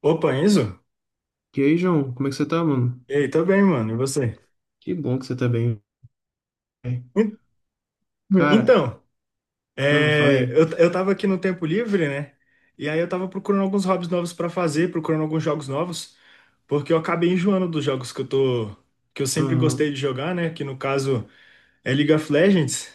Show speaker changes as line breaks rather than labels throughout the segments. Opa, Enzo?
E aí, João, como é que você tá, mano?
E aí, tô bem, mano. E você?
Que bom que você tá bem, velho.
En-
Cara,
Então, é,
falei.
eu, eu tava aqui no tempo livre, né? E aí eu tava procurando alguns hobbies novos pra fazer, procurando alguns jogos novos, porque eu acabei enjoando dos jogos que eu sempre gostei
Aham,
de jogar, né? Que no caso é League of Legends.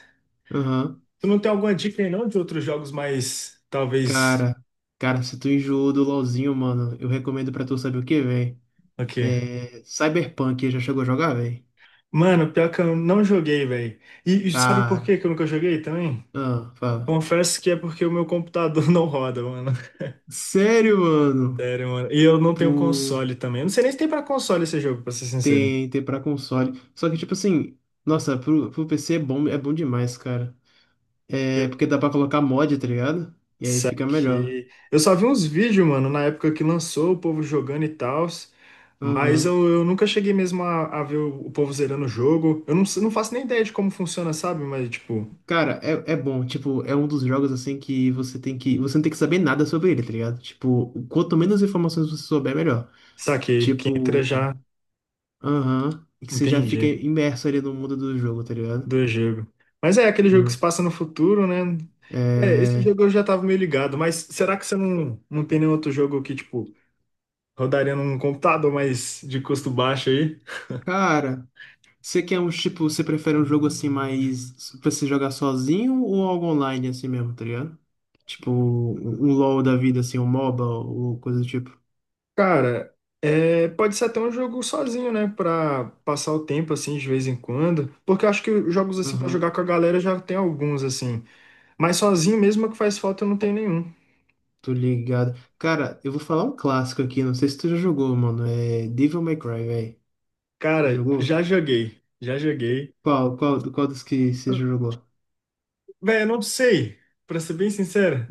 aham.
Tu não tem alguma dica aí não de outros jogos mais, talvez,
Cara, cara, se tu enjoou do LoLzinho, mano, eu recomendo pra tu saber o que, velho?
o quê?
É. Cyberpunk, já chegou a jogar, velho?
Mano, pior que eu não joguei, velho. E sabe por que
Cara,
que eu nunca joguei também?
ah, fala.
Confesso que é porque o meu computador não roda, mano.
Sério, mano?
Sério, mano. E eu não tenho
Pô,
console também. Eu não sei nem se tem pra console esse jogo, pra ser sincero.
tem pra console. Só que, tipo assim, nossa, pro PC é bom demais, cara. É,
Eu
porque dá pra colocar mod, tá ligado? E aí fica melhor.
saquei. Eu só vi uns vídeos, mano, na época que lançou, o povo jogando e tal. Mas
Aham.
eu nunca cheguei mesmo a ver o povo zerando o jogo. Eu não, s- Não faço nem ideia de como funciona, sabe? Mas, tipo,
Cara, é, é bom, tipo, é um dos jogos assim que você tem que. Você não tem que saber nada sobre ele, tá ligado? Tipo, quanto menos informações você souber, melhor.
saquei. Quem entra
Tipo,
já
aham, e que você já fica
entende
imerso ali no mundo do jogo, tá ligado?
do jogo. Mas é aquele jogo que se
Uhum.
passa no futuro, né? É, esse
É,
jogo eu já tava meio ligado. Mas será que você não tem nenhum outro jogo que, tipo, rodaria num computador mais de custo baixo aí.
cara, você quer um tipo, você prefere um jogo assim mais pra você jogar sozinho ou algo online assim mesmo, tá ligado? Tipo, um LoL da vida, assim, um MOBA ou coisa do tipo.
Cara, é, pode ser até um jogo sozinho, né? Pra passar o tempo, assim, de vez em quando. Porque eu acho que jogos, assim, pra jogar
Aham.
com a galera já tem alguns, assim. Mas sozinho mesmo é que faz falta, eu não tenho nenhum.
Tô ligado. Cara, eu vou falar um clássico aqui, não sei se tu já jogou, mano. É Devil May Cry, velho.
Cara,
Jogou?
já joguei. Já joguei.
Qual dos que você já jogou?
Véi, eu não sei, pra ser bem sincero.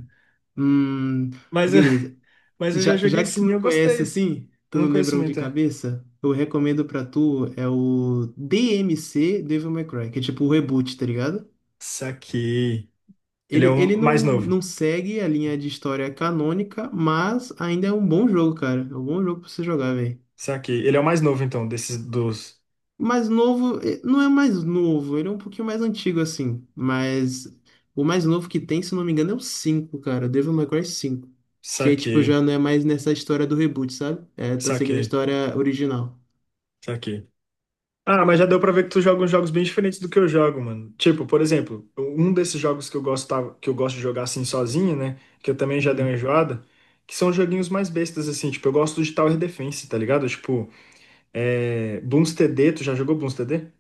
Hum,
Mas,
beleza.
mas eu já
Já
joguei
que tu
sim e
não
eu
conhece
gostei.
assim,
Eu
tu
não
não
conheço
lembra um de
muito, é.
cabeça, eu recomendo pra tu é o DMC Devil May Cry, que é tipo o reboot, tá ligado?
Saquei. Ele é
Ele
o mais
não,
novo.
Não segue a linha de história canônica, mas ainda é um bom jogo, cara. É um bom jogo pra você jogar, velho.
Saquei. Ele é o mais novo, então, desses dos.
Mais novo, não é mais novo, ele é um pouquinho mais antigo assim, mas o mais novo que tem, se não me engano, é o 5 cara, Devil May Cry cinco que aí tipo
Saquei.
já não é mais nessa história do reboot, sabe? É, tá seguindo a
Saquei,
história original.
saquei. Ah, mas já deu pra ver que tu joga uns jogos bem diferentes do que eu jogo, mano. Tipo, por exemplo, um desses jogos que eu gosto de jogar assim sozinho, né? Que eu também já dei uma
Uhum.
enjoada, que são joguinhos mais bestas, assim. Tipo, eu gosto de Tower Defense, tá ligado? Tipo, é, Bloons TD, tu já jogou Bloons TD?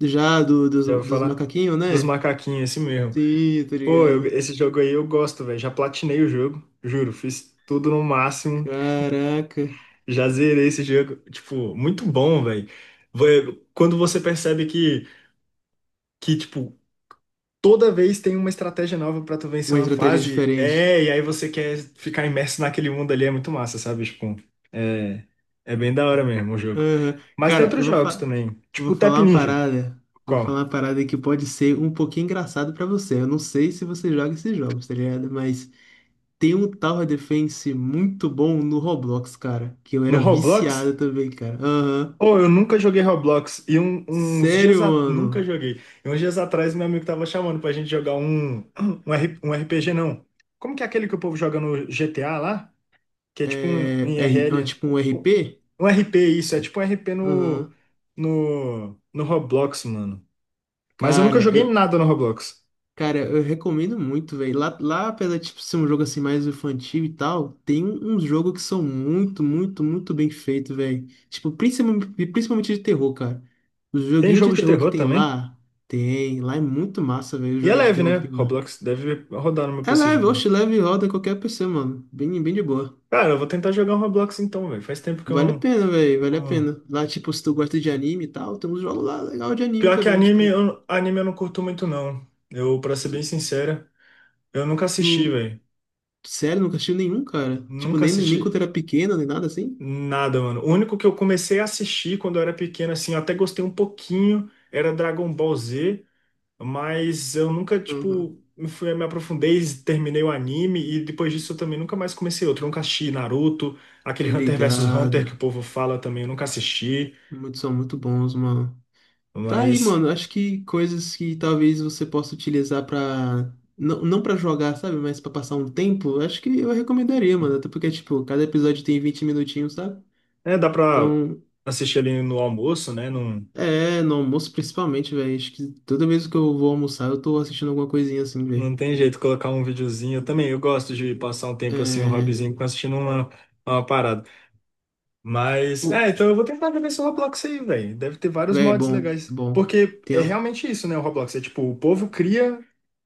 Já do, dos,
Já vou
dos
falar
macaquinhos,
dos
né?
macaquinhos, esse mesmo.
Sim, tô
Pô,
ligado.
esse jogo aí eu gosto, velho. Já platinei o jogo, juro. Fiz tudo no máximo.
Caraca,
Já zerei esse jogo. Tipo, muito bom, velho. Vai- Quando você percebe que, toda vez tem uma estratégia nova pra tu vencer
uma
uma
estratégia
fase.
diferente.
É, e aí você quer ficar imerso naquele mundo ali, é muito massa, sabe? Tipo, é, é bem da hora mesmo o jogo.
Aham.
Mas tem
Cara, eu
outros
vou,
jogos
fa
também,
Vou
tipo o Tap
falar uma
Ninja.
parada. Vou falar
Qual?
uma parada que pode ser um pouquinho engraçado pra você. Eu não sei se você joga esses jogos, tá ligado? Mas tem um Tower Defense muito bom no Roblox, cara. Que eu
No
era viciado
Roblox?
também, cara. Aham.
Pô, eu nunca joguei Roblox.
Sério,
Nunca
mano.
joguei. E uns dias atrás meu amigo tava chamando pra gente jogar um RPG, não. Como que é aquele que o povo joga no GTA lá? Que é tipo um
É, é, é
IRL.
tipo um RP?
Um RP, isso. É tipo um RP no,
Aham.
no, no Roblox, mano. Mas eu nunca
Cara,
joguei
eu,
nada no Roblox.
cara, eu recomendo muito, velho. Lá, apesar de tipo, ser um jogo assim mais infantil e tal, tem um, uns jogos que são muito, muito, muito bem feitos, velho. Tipo, principalmente de terror, cara. Os
Tem
joguinhos de
jogo de
terror que
terror também?
tem. Lá é muito massa, velho, o
E é
joguinho de
leve,
terror
né?
que tem lá.
Roblox deve rodar no meu
É
PC de
leve,
boa.
oxe, leve e roda qualquer PC, mano. Bem, bem de boa.
Cara, eu vou tentar jogar um Roblox então, velho. Faz tempo que eu
Vale a
não,
pena, velho, vale a
não-
pena. Lá, tipo, se tu gosta de anime e tal, tem uns jogos lá legal de anime
Pior que
também,
anime,
tipo,
anime eu não curto muito, não. Eu, pra ser bem
tu,
sincera, eu nunca assisti,
tu-
velho.
sério, nunca assistiu nenhum, cara? Tipo,
Nunca
nem, nem quando
assisti
era pequeno, nem nada assim?
nada, mano. O único que eu comecei a assistir quando eu era pequeno, assim, eu até gostei um pouquinho, era Dragon Ball Z. Mas eu nunca,
Aham.
tipo, me aprofundei, terminei o anime e depois disso eu também nunca mais comecei outro. Eu nunca assisti Naruto,
Tô
aquele Hunter vs Hunter que o
ligada.
povo fala também, eu nunca assisti.
Muitos são muito bons, mano. Tá aí,
Mas,
mano, acho que coisas que talvez você possa utilizar pra... Não pra jogar, sabe? Mas pra passar um tempo, acho que eu recomendaria, mano. Até porque, tipo, cada episódio tem 20 minutinhos, sabe?
é, dá pra
Então,
assistir ali no almoço, né? Não,
é, no almoço principalmente, velho. Acho que toda vez que eu vou almoçar, eu tô assistindo alguma coisinha assim, velho.
não tem jeito colocar um videozinho. Eu também, eu gosto de passar um tempo assim, um
É.
hobbyzinho, assistindo uma parada. Mas, é,
Pô,
então eu vou tentar ver esse Roblox aí, velho. Deve ter vários
velho, é
mods
bom, é
legais.
bom.
Porque
Tem...
é
um,
realmente isso, né, o Roblox? É tipo, o povo cria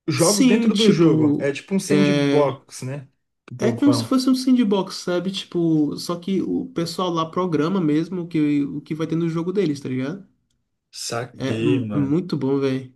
jogos
sim,
dentro do jogo. É
tipo.
tipo um
É.
sandbox, né? Que o
É
povo
como se
fala.
fosse um sandbox, sabe? Tipo, só que o pessoal lá programa mesmo o que vai ter no jogo deles, tá ligado? É, é
Saquei, mano.
muito bom, velho.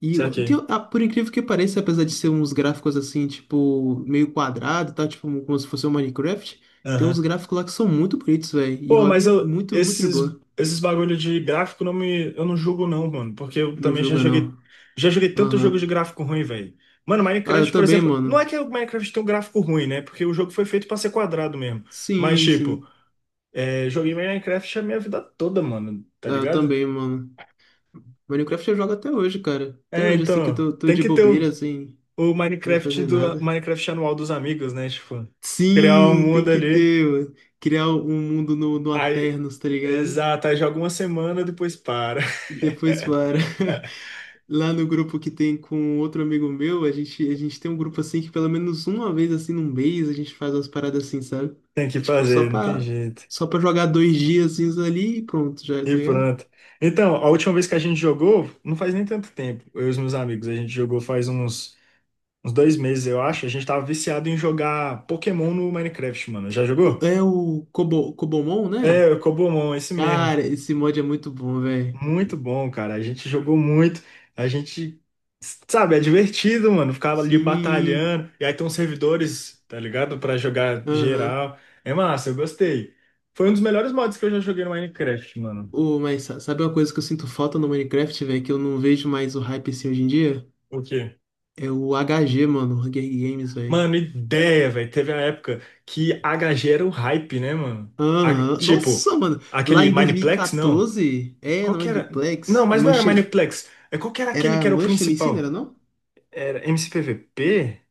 E tem-
Saquei.
ah, por incrível que pareça, apesar de ser uns gráficos assim, tipo, meio quadrado, tá? Tipo, como se fosse um Minecraft, tem uns
Aham.
gráficos lá que são muito bonitos, velho. E
Pô, mas
rodem
eu,
muito, muito de boa.
esses bagulho de gráfico não me, eu não julgo não, mano. Porque eu
Não
também
julga, não.
já joguei tanto jogo de
Aham.
gráfico ruim, velho. Mano,
Ah, eu
Minecraft, por
também,
exemplo, não é
mano.
que o Minecraft tem um gráfico ruim, né? Porque o jogo foi feito pra ser quadrado mesmo. Mas,
Sim,
tipo,
sim.
é, joguei Minecraft a minha vida toda, mano, tá
Ah, eu
ligado?
também, mano. Minecraft eu jogo até hoje, cara. Até
É,
hoje, assim, que eu
então,
tô
tem
de
que ter
bobeira, assim, sem
o
nem
Minecraft
fazer
do
nada.
Minecraft anual dos amigos, né? Tipo, criar um
Sim, tem
mundo
que
ali.
ter, mano. Criar um mundo no
Aí,
Aternos, tá ligado?
exato, aí joga uma semana, depois para.
E depois para. Lá no grupo que tem com outro amigo meu, a gente tem um grupo assim que pelo menos uma vez assim num mês a gente faz umas paradas assim, sabe?
Tem que
Tipo,
fazer, não tem jeito.
só pra jogar dois dias ali e pronto, já,
E
tá ligado?
pronto. Então, a última vez que a gente jogou, não faz nem tanto tempo, eu e os meus amigos, a gente jogou faz uns 2 meses, eu acho. A gente tava viciado em jogar Pokémon no Minecraft, mano. Já jogou?
É o Kobomon,
É,
né?
o Cobomon, esse mesmo.
Cara, esse mod é muito bom, velho.
Muito bom, cara. A gente jogou muito. A gente, sabe, é divertido, mano. Ficava ali
Sim,
batalhando. E aí tem uns servidores, tá ligado? Pra jogar
aham.
geral. É massa, eu gostei. Foi um dos melhores mods que eu já joguei no Minecraft, mano.
Ô, mas sa- sabe uma coisa que eu sinto falta no Minecraft, velho, que eu não vejo mais o hype assim hoje em dia?
O quê?
É o HG, mano, o Hunger Games, velho.
Mano, ideia, velho. Teve a época que HG era o hype, né, mano? A-
Aham.
tipo,
Nossa, mano. Lá
Aquele
em
Mineplex, não.
2014, é,
Qual
não
que
é de
era? Não,
Plex.
mas não era
Mush,
Mineplex. É, qual que era aquele que
era
era o
Mush MC, não era
principal?
não?
Era MCPVP?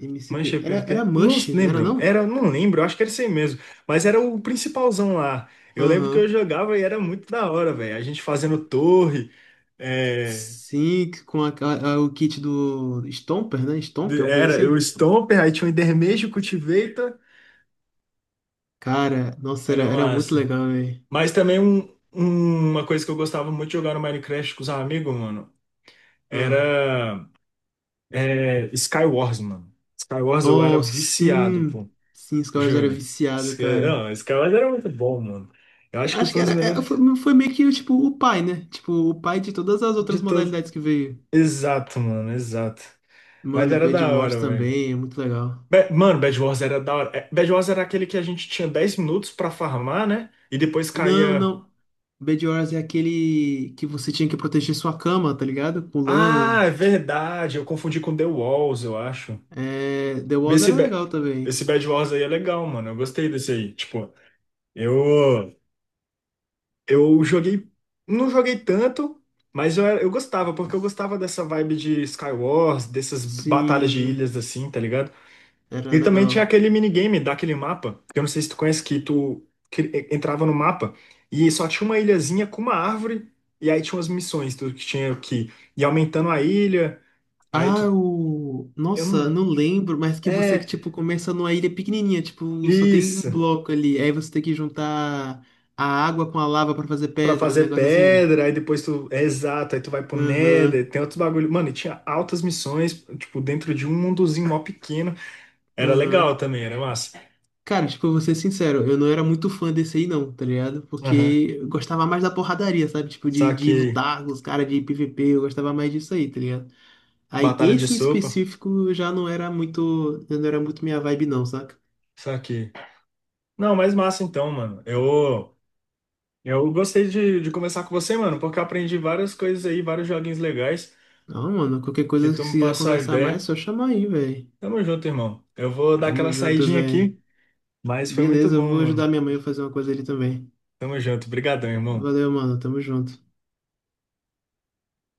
MCP.
Mancha
Era
PVP? Não
Mush, não era
lembro.
não?
Era, não lembro, acho que era isso aí mesmo. Mas era o principalzão lá. Eu lembro que eu
Aham.
jogava e era muito da hora, velho. A gente fazendo torre. É,
Sim, com a- o kit do Stomper, né? Stomper, uma coisa
era o
assim.
Stomper, aí tinha o Endermage, o Cultivator.
Cara, nossa, era,
Era
era muito
massa.
legal, velho.
Mas também uma coisa que eu gostava muito de jogar no Minecraft com os amigos, mano,
Ah.
era Skywars, mano. Skywars eu era
Oh,
viciado,
sim.
pô.
Sim, os caras era
Juro.
viciado, cara.
Não, Skywars era muito bom, mano. Eu acho que
Acho
foi
que
um dos
era, é, foi,
melhores.
foi meio que tipo, o pai, né? Tipo, o pai de todas as
De
outras
todos.
modalidades que veio.
Exato, mano, exato. Mas
Mano,
era
Bed
da
Wars
hora, velho.
também é muito legal.
Mano, Bad Wars era da hora. É, Bad Wars era aquele que a gente tinha 10 minutos pra farmar, né? E depois
Não,
caía.
não. Bed Wars é aquele que você tinha que proteger sua cama, tá ligado? Com
Ah,
lã.
é verdade. Eu confundi com The Walls, eu acho.
É... The Walls
Esse,
era
Ba-
legal também.
Esse Bad Wars aí é legal, mano. Eu gostei desse aí. Tipo, eu, eu joguei. Não joguei tanto, mas eu gostava, porque eu gostava dessa vibe de Skywars, dessas batalhas de
Sim,
ilhas assim, tá ligado?
era
E também tinha
legal.
aquele minigame daquele mapa, que eu não sei se tu conhece, que tu que entrava no mapa e só tinha uma ilhazinha com uma árvore, e aí tinha umas missões, tu que tinha que ir aumentando a ilha, aí tu.
Ah, o...
Eu
Nossa,
não.
não lembro, mas que você que,
É,
tipo, começa numa ilha pequenininha, tipo, só tem um
isso.
bloco ali. Aí você tem que juntar a água com a lava pra fazer
Pra
pedra, um
fazer
negócio assim.
pedra, aí depois tu. É exato, aí tu vai pro
Aham,
Nether, tem outros bagulho. Mano, e tinha altas missões, tipo, dentro de um mundozinho mó pequeno. Era
aham.
legal também, era massa.
Cara, tipo, eu vou ser sincero, eu não era muito fã desse aí não, tá ligado?
Aham.
Porque eu gostava mais da porradaria, sabe? Tipo, de,
Só
de
que.
lutar com os caras de PVP, eu gostava mais disso aí, tá ligado? Aí
Batalha de
esse em
sopa,
específico já não era muito minha vibe não, saca?
só que. Não, mas massa então, mano. Eu. Eu gostei de conversar com você, mano, porque eu aprendi várias coisas aí, vários joguinhos legais,
Não, mano, qualquer
que
coisa
tu
que
me
você quiser
passou a
conversar
ideia.
mais, é só chamar aí, velho.
Tamo junto, irmão. Eu vou dar
Tamo
aquela
junto,
saidinha
velho.
aqui, mas foi muito
Beleza, eu
bom,
vou ajudar
mano.
minha mãe a fazer uma coisa ali também.
Tamo junto. Obrigadão, irmão.
Valeu, mano, tamo junto.